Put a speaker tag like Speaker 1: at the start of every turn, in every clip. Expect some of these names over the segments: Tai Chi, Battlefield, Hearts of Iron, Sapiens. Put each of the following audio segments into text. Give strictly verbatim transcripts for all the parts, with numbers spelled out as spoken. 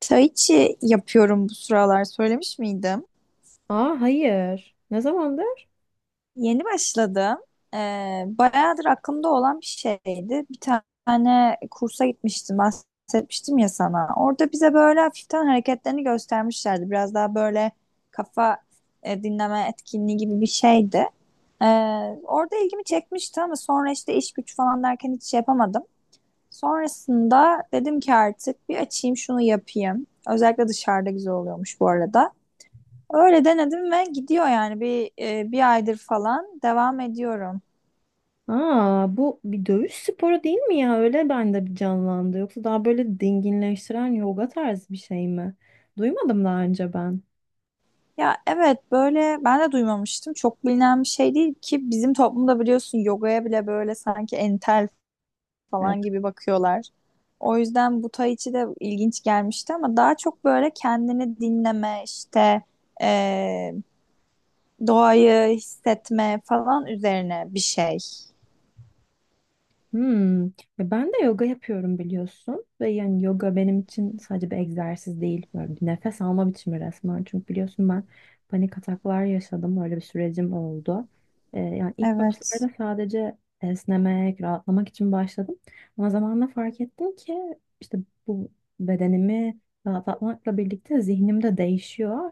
Speaker 1: Tai yapıyorum bu sıralar söylemiş miydim?
Speaker 2: Aa, hayır. Ne zamandır?
Speaker 1: Yeni başladım. Ee, bayağıdır aklımda olan bir şeydi. Bir tane kursa gitmiştim bahsetmiştim ya sana. Orada bize böyle hafiften hareketlerini göstermişlerdi. Biraz daha böyle kafa e, dinleme etkinliği gibi bir şeydi. Ee, Orada ilgimi çekmişti ama sonra işte iş güç falan derken hiç şey yapamadım. Sonrasında dedim ki artık bir açayım şunu yapayım. Özellikle dışarıda güzel oluyormuş bu arada. Öyle denedim ve gidiyor yani bir e, bir aydır falan devam ediyorum.
Speaker 2: Aa, bu bir dövüş sporu değil mi ya? Öyle bende bir canlandı. Yoksa daha böyle dinginleştiren yoga tarzı bir şey mi? Duymadım daha önce ben.
Speaker 1: Ya evet böyle ben de duymamıştım. Çok bilinen bir şey değil ki bizim toplumda biliyorsun yogaya bile böyle sanki entel falan gibi bakıyorlar. O yüzden bu tai chi de ilginç gelmişti ama daha çok böyle kendini dinleme işte e, doğayı hissetme falan üzerine bir şey.
Speaker 2: Hmm. Ya ben de yoga yapıyorum biliyorsun ve yani yoga benim için sadece bir egzersiz değil, böyle bir nefes alma biçimi resmen. Çünkü biliyorsun ben panik ataklar yaşadım, öyle bir sürecim oldu. Ee, yani ilk
Speaker 1: Evet.
Speaker 2: başlarda sadece esnemek, rahatlamak için başladım. Ama zamanla fark ettim ki işte bu bedenimi rahatlatmakla birlikte zihnim de değişiyor.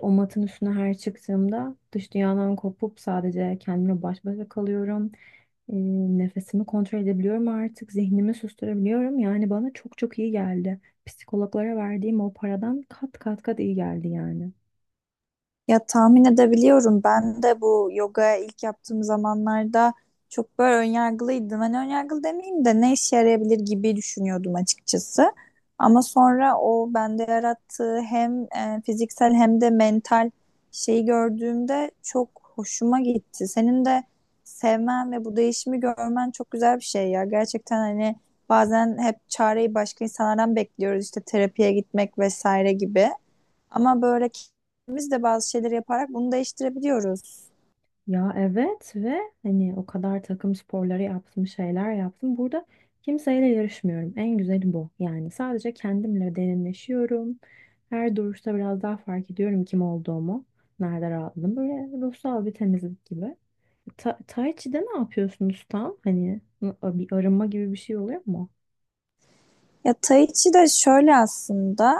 Speaker 2: O matın üstüne her çıktığımda dış dünyadan kopup sadece kendimle baş başa kalıyorum. E, Nefesimi kontrol edebiliyorum artık. Zihnimi susturabiliyorum. Yani bana çok çok iyi geldi. Psikologlara verdiğim o paradan kat kat kat iyi geldi yani.
Speaker 1: Ya tahmin edebiliyorum. Ben de bu yoga ilk yaptığım zamanlarda çok böyle önyargılıydım. Hani önyargılı demeyeyim de ne işe yarayabilir gibi düşünüyordum açıkçası. Ama sonra o bende yarattığı hem e, fiziksel hem de mental şeyi gördüğümde çok hoşuma gitti. Senin de sevmen ve bu değişimi görmen çok güzel bir şey ya. Gerçekten hani bazen hep çareyi başka insanlardan bekliyoruz işte terapiye gitmek vesaire gibi. Ama böyle kendimiz de bazı şeyleri yaparak bunu değiştirebiliyoruz.
Speaker 2: Ya evet, ve hani o kadar takım sporları yaptım, şeyler yaptım. Burada kimseyle yarışmıyorum. En güzeli bu. Yani sadece kendimle derinleşiyorum. Her duruşta biraz daha fark ediyorum kim olduğumu. Nerede rahatladım. Böyle ruhsal bir temizlik gibi. Ta Tai Chi'de ne yapıyorsunuz tam? Hani n- bir arınma gibi bir şey oluyor mu?
Speaker 1: Ya Tai Chi de şöyle aslında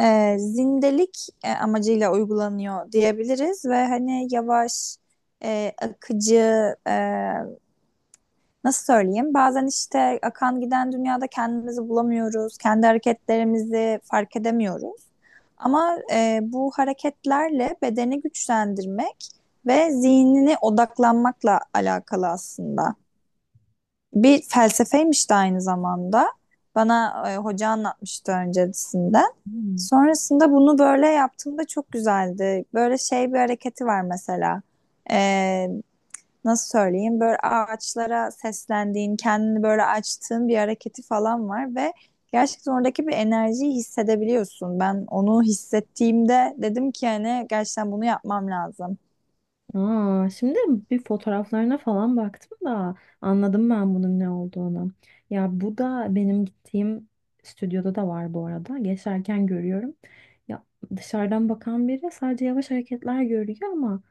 Speaker 1: e, zindelik e, amacıyla uygulanıyor diyebiliriz ve hani yavaş, e, akıcı, e, nasıl söyleyeyim? Bazen işte akan giden dünyada kendimizi bulamıyoruz, kendi hareketlerimizi fark edemiyoruz. Ama e, bu hareketlerle bedeni güçlendirmek ve zihnine odaklanmakla alakalı aslında. Bir felsefeymiş de aynı zamanda. Bana e, hoca anlatmıştı öncesinden.
Speaker 2: Hmm.
Speaker 1: Sonrasında bunu böyle yaptığımda çok güzeldi. Böyle şey bir hareketi var mesela. Ee, Nasıl söyleyeyim? Böyle ağaçlara seslendiğin, kendini böyle açtığın bir hareketi falan var ve gerçekten oradaki bir enerjiyi hissedebiliyorsun. Ben onu hissettiğimde dedim ki hani gerçekten bunu yapmam lazım.
Speaker 2: Aa, şimdi bir fotoğraflarına falan baktım da anladım ben bunun ne olduğunu. Ya bu da benim gittiğim stüdyoda da var bu arada. Geçerken görüyorum. Ya dışarıdan bakan biri sadece yavaş hareketler görüyor ama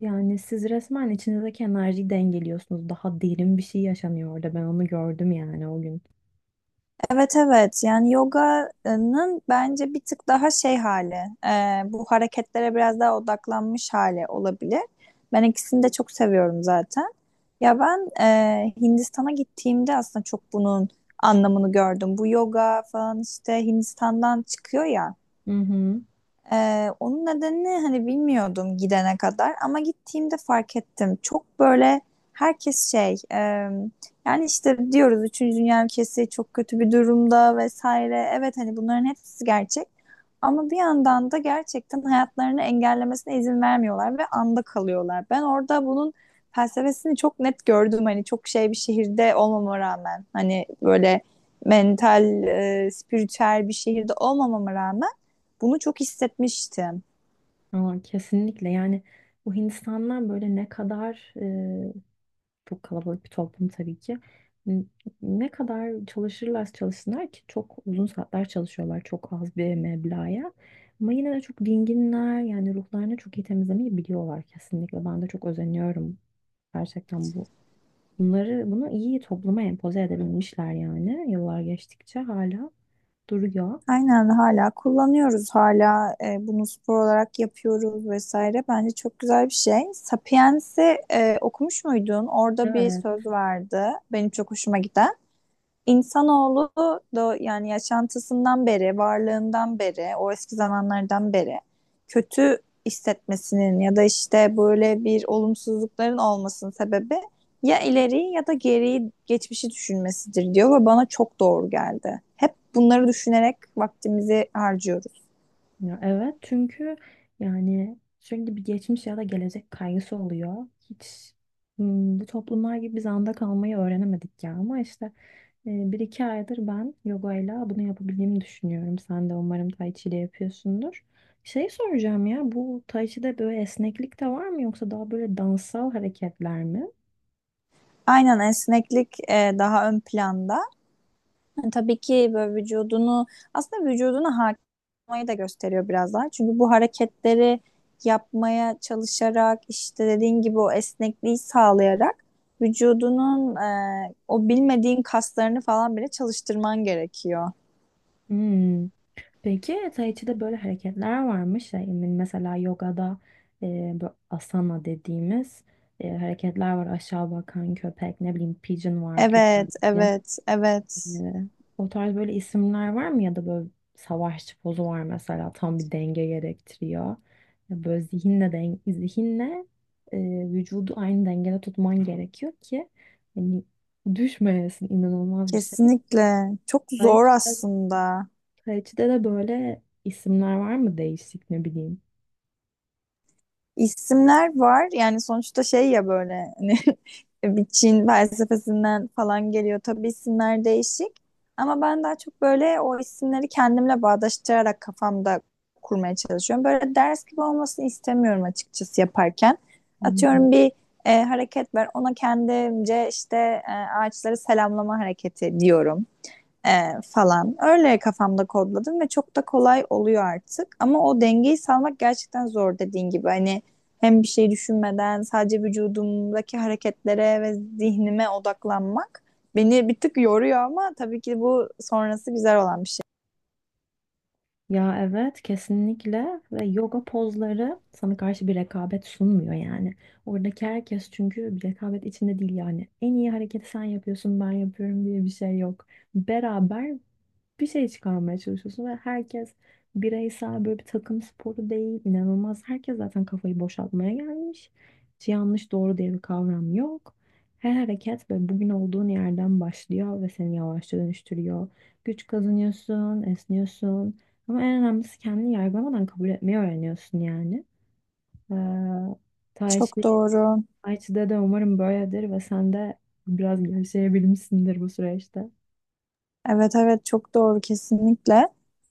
Speaker 2: yani siz resmen içinizdeki enerjiyi dengeliyorsunuz. Daha derin bir şey yaşanıyor orada. Ben onu gördüm yani o gün.
Speaker 1: Evet evet yani yoganın bence bir tık daha şey hali e, bu hareketlere biraz daha odaklanmış hali olabilir. Ben ikisini de çok seviyorum zaten. Ya ben e, Hindistan'a gittiğimde aslında çok bunun anlamını gördüm. Bu yoga falan işte Hindistan'dan çıkıyor ya.
Speaker 2: Hı hı.
Speaker 1: Ee, onun nedenini hani bilmiyordum gidene kadar ama gittiğimde fark ettim. Çok böyle herkes şey e, yani işte diyoruz üçüncü Dünya ülkesi çok kötü bir durumda vesaire. Evet hani bunların hepsi gerçek ama bir yandan da gerçekten hayatlarını engellemesine izin vermiyorlar ve anda kalıyorlar. Ben orada bunun felsefesini çok net gördüm hani çok şey bir şehirde olmama rağmen hani böyle mental, e, spiritüel bir şehirde olmamama rağmen bunu çok hissetmiştim.
Speaker 2: Aa, kesinlikle yani bu Hindistanlar böyle ne kadar çok kalabalık bir toplum tabii ki. N- Ne kadar çalışırlarsa çalışsınlar ki, çok uzun saatler çalışıyorlar çok az bir meblağa. Ama yine de çok dinginler, yani ruhlarını çok iyi temizlemeyi biliyorlar kesinlikle. Ben de çok özeniyorum gerçekten bu. Bunları bunu iyi topluma empoze edebilmişler, yani yıllar geçtikçe hala duruyor.
Speaker 1: Aynen hala kullanıyoruz hala e, bunu spor olarak yapıyoruz vesaire. Bence çok güzel bir şey. Sapiens'i e, okumuş muydun? Orada bir
Speaker 2: Evet.
Speaker 1: söz vardı. Benim çok hoşuma giden. İnsanoğlu da yani yaşantısından beri, varlığından beri, o eski zamanlardan beri kötü hissetmesinin ya da işte böyle bir olumsuzlukların olmasının sebebi ya ileri ya da geri geçmişi düşünmesidir diyor ve bana çok doğru geldi. Hep bunları düşünerek vaktimizi harcıyoruz.
Speaker 2: Ya evet, çünkü yani sürekli bir geçmiş ya da gelecek kaygısı oluyor. Hiç hmm, bu toplumlar gibi biz anda kalmayı öğrenemedik ya, ama işte e, bir iki aydır ben yogayla bunu yapabildiğimi düşünüyorum. Sen de umarım tai chi ile yapıyorsundur. Şey soracağım, ya bu tai chi'de böyle esneklik de var mı, yoksa daha böyle dansal hareketler mi?
Speaker 1: Aynen esneklik e, daha ön planda. Yani tabii ki böyle vücudunu aslında vücuduna hakim da gösteriyor biraz daha. Çünkü bu hareketleri yapmaya çalışarak işte dediğin gibi o esnekliği sağlayarak vücudunun e, o bilmediğin kaslarını falan bile çalıştırman gerekiyor.
Speaker 2: Hmm. Peki Tai Chi'de böyle hareketler varmış. Yani mesela yogada e, bu asana dediğimiz e, hareketler var. Aşağı bakan köpek, ne bileyim pigeon var,
Speaker 1: Evet,
Speaker 2: güvercin.
Speaker 1: evet, evet.
Speaker 2: E, O tarz böyle isimler var mı? Ya da böyle savaşçı pozu var mesela. Tam bir denge gerektiriyor. Ya böyle zihinle, den zihinle e, vücudu aynı dengede tutman gerekiyor ki hani düşmeyesin, inanılmaz bir şey.
Speaker 1: Kesinlikle. Çok
Speaker 2: Tai
Speaker 1: zor
Speaker 2: Chi
Speaker 1: aslında.
Speaker 2: Kaleci'de de böyle isimler var mı, değişik ne bileyim.
Speaker 1: İsimler var. Yani sonuçta şey ya böyle hani bir Çin felsefesinden falan geliyor. Tabii isimler değişik. Ama ben daha çok böyle o isimleri kendimle bağdaştırarak kafamda kurmaya çalışıyorum. Böyle ders gibi olmasını istemiyorum açıkçası yaparken.
Speaker 2: Hı hı.
Speaker 1: Atıyorum bir e, hareket var. Ona kendimce işte e, ağaçları selamlama hareketi diyorum. Ee, falan. Öyle kafamda kodladım ve çok da kolay oluyor artık. Ama o dengeyi sağlamak gerçekten zor dediğin gibi. Hani hem bir şey düşünmeden sadece vücudumdaki hareketlere ve zihnime odaklanmak beni bir tık yoruyor ama tabii ki bu sonrası güzel olan bir şey.
Speaker 2: Ya evet, kesinlikle, ve yoga pozları sana karşı bir rekabet sunmuyor yani. Oradaki herkes çünkü bir rekabet içinde değil yani. En iyi hareketi sen yapıyorsun, ben yapıyorum diye bir şey yok. Beraber bir şey çıkarmaya çalışıyorsun ve herkes bireysel, böyle bir takım sporu değil, inanılmaz. Herkes zaten kafayı boşaltmaya gelmiş. Hiç yanlış doğru diye bir kavram yok. Her hareket böyle bugün olduğun yerden başlıyor ve seni yavaşça dönüştürüyor. Güç kazanıyorsun, esniyorsun. Ama en önemlisi kendini yargılamadan kabul etmeyi öğreniyorsun yani. Ee, Tai Chi
Speaker 1: Çok doğru.
Speaker 2: I T'de da umarım böyledir ve sen de biraz gevşeyebilmişsindir bu süreçte.
Speaker 1: Evet evet çok doğru kesinlikle.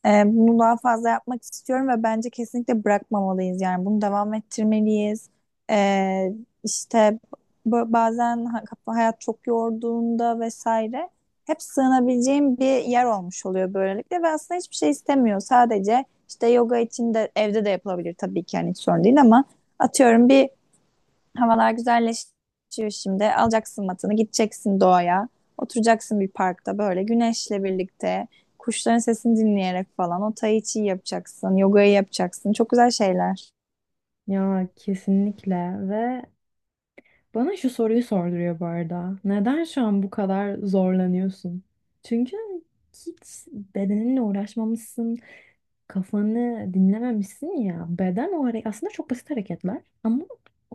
Speaker 1: Ee, bunu daha fazla yapmak istiyorum ve bence kesinlikle bırakmamalıyız yani bunu devam ettirmeliyiz. Ee, işte b- bazen ha- hayat çok yorduğunda vesaire hep sığınabileceğim bir yer olmuş oluyor böylelikle ve aslında hiçbir şey istemiyor. Sadece işte yoga için de evde de yapılabilir tabii ki yani hiç sorun değil ama atıyorum bir havalar güzelleşiyor şimdi. Alacaksın matını, gideceksin doğaya. Oturacaksın bir parkta böyle güneşle birlikte. Kuşların sesini dinleyerek falan. O tai chi yapacaksın, yogayı yapacaksın. Çok güzel şeyler.
Speaker 2: Ya kesinlikle, ve bana şu soruyu sorduruyor bu arada. Neden şu an bu kadar zorlanıyorsun? Çünkü hiç bedeninle uğraşmamışsın, kafanı dinlememişsin ya. Beden o hareket, aslında çok basit hareketler ama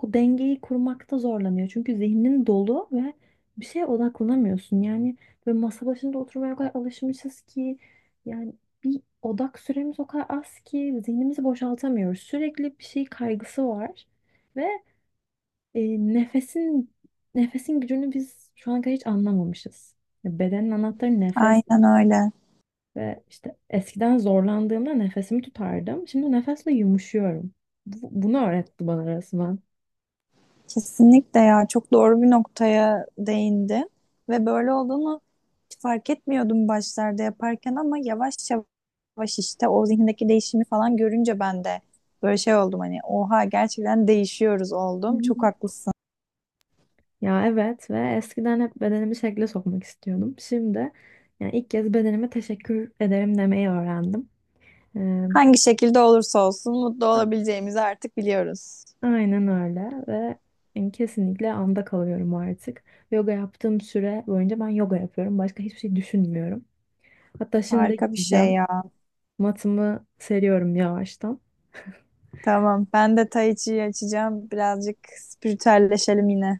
Speaker 2: o dengeyi kurmakta zorlanıyor. Çünkü zihnin dolu ve bir şeye odaklanamıyorsun. Yani ve masa başında oturmaya o kadar alışmışız ki yani bir odak süremiz o kadar az ki zihnimizi boşaltamıyoruz. Sürekli bir şey kaygısı var ve e, nefesin nefesin gücünü biz şu ana kadar hiç anlamamışız. Ya bedenin anahtarı nefes.
Speaker 1: Aynen öyle.
Speaker 2: Ve işte eskiden zorlandığımda nefesimi tutardım. Şimdi nefesle yumuşuyorum. Bu- bunu öğretti bana resmen.
Speaker 1: Kesinlikle ya. Çok doğru bir noktaya değindi. Ve böyle olduğunu fark etmiyordum başlarda yaparken ama yavaş yavaş işte o zihnindeki değişimi falan görünce ben de böyle şey oldum hani oha gerçekten değişiyoruz
Speaker 2: Hı
Speaker 1: oldum.
Speaker 2: hı.
Speaker 1: Çok haklısın.
Speaker 2: Ya evet, ve eskiden hep bedenimi şekle sokmak istiyordum. Şimdi yani ilk kez bedenime teşekkür ederim demeyi öğrendim. Ee,
Speaker 1: Hangi şekilde olursa olsun mutlu
Speaker 2: a-
Speaker 1: olabileceğimizi artık biliyoruz.
Speaker 2: aynen öyle ve yani kesinlikle anda kalıyorum artık. Yoga yaptığım süre boyunca ben yoga yapıyorum. Başka hiçbir şey düşünmüyorum. Hatta şimdi
Speaker 1: Harika bir şey
Speaker 2: gideceğim.
Speaker 1: ya.
Speaker 2: Matımı seriyorum yavaştan.
Speaker 1: Tamam, ben de Tai Chi'yi açacağım. Birazcık spiritüelleşelim yine.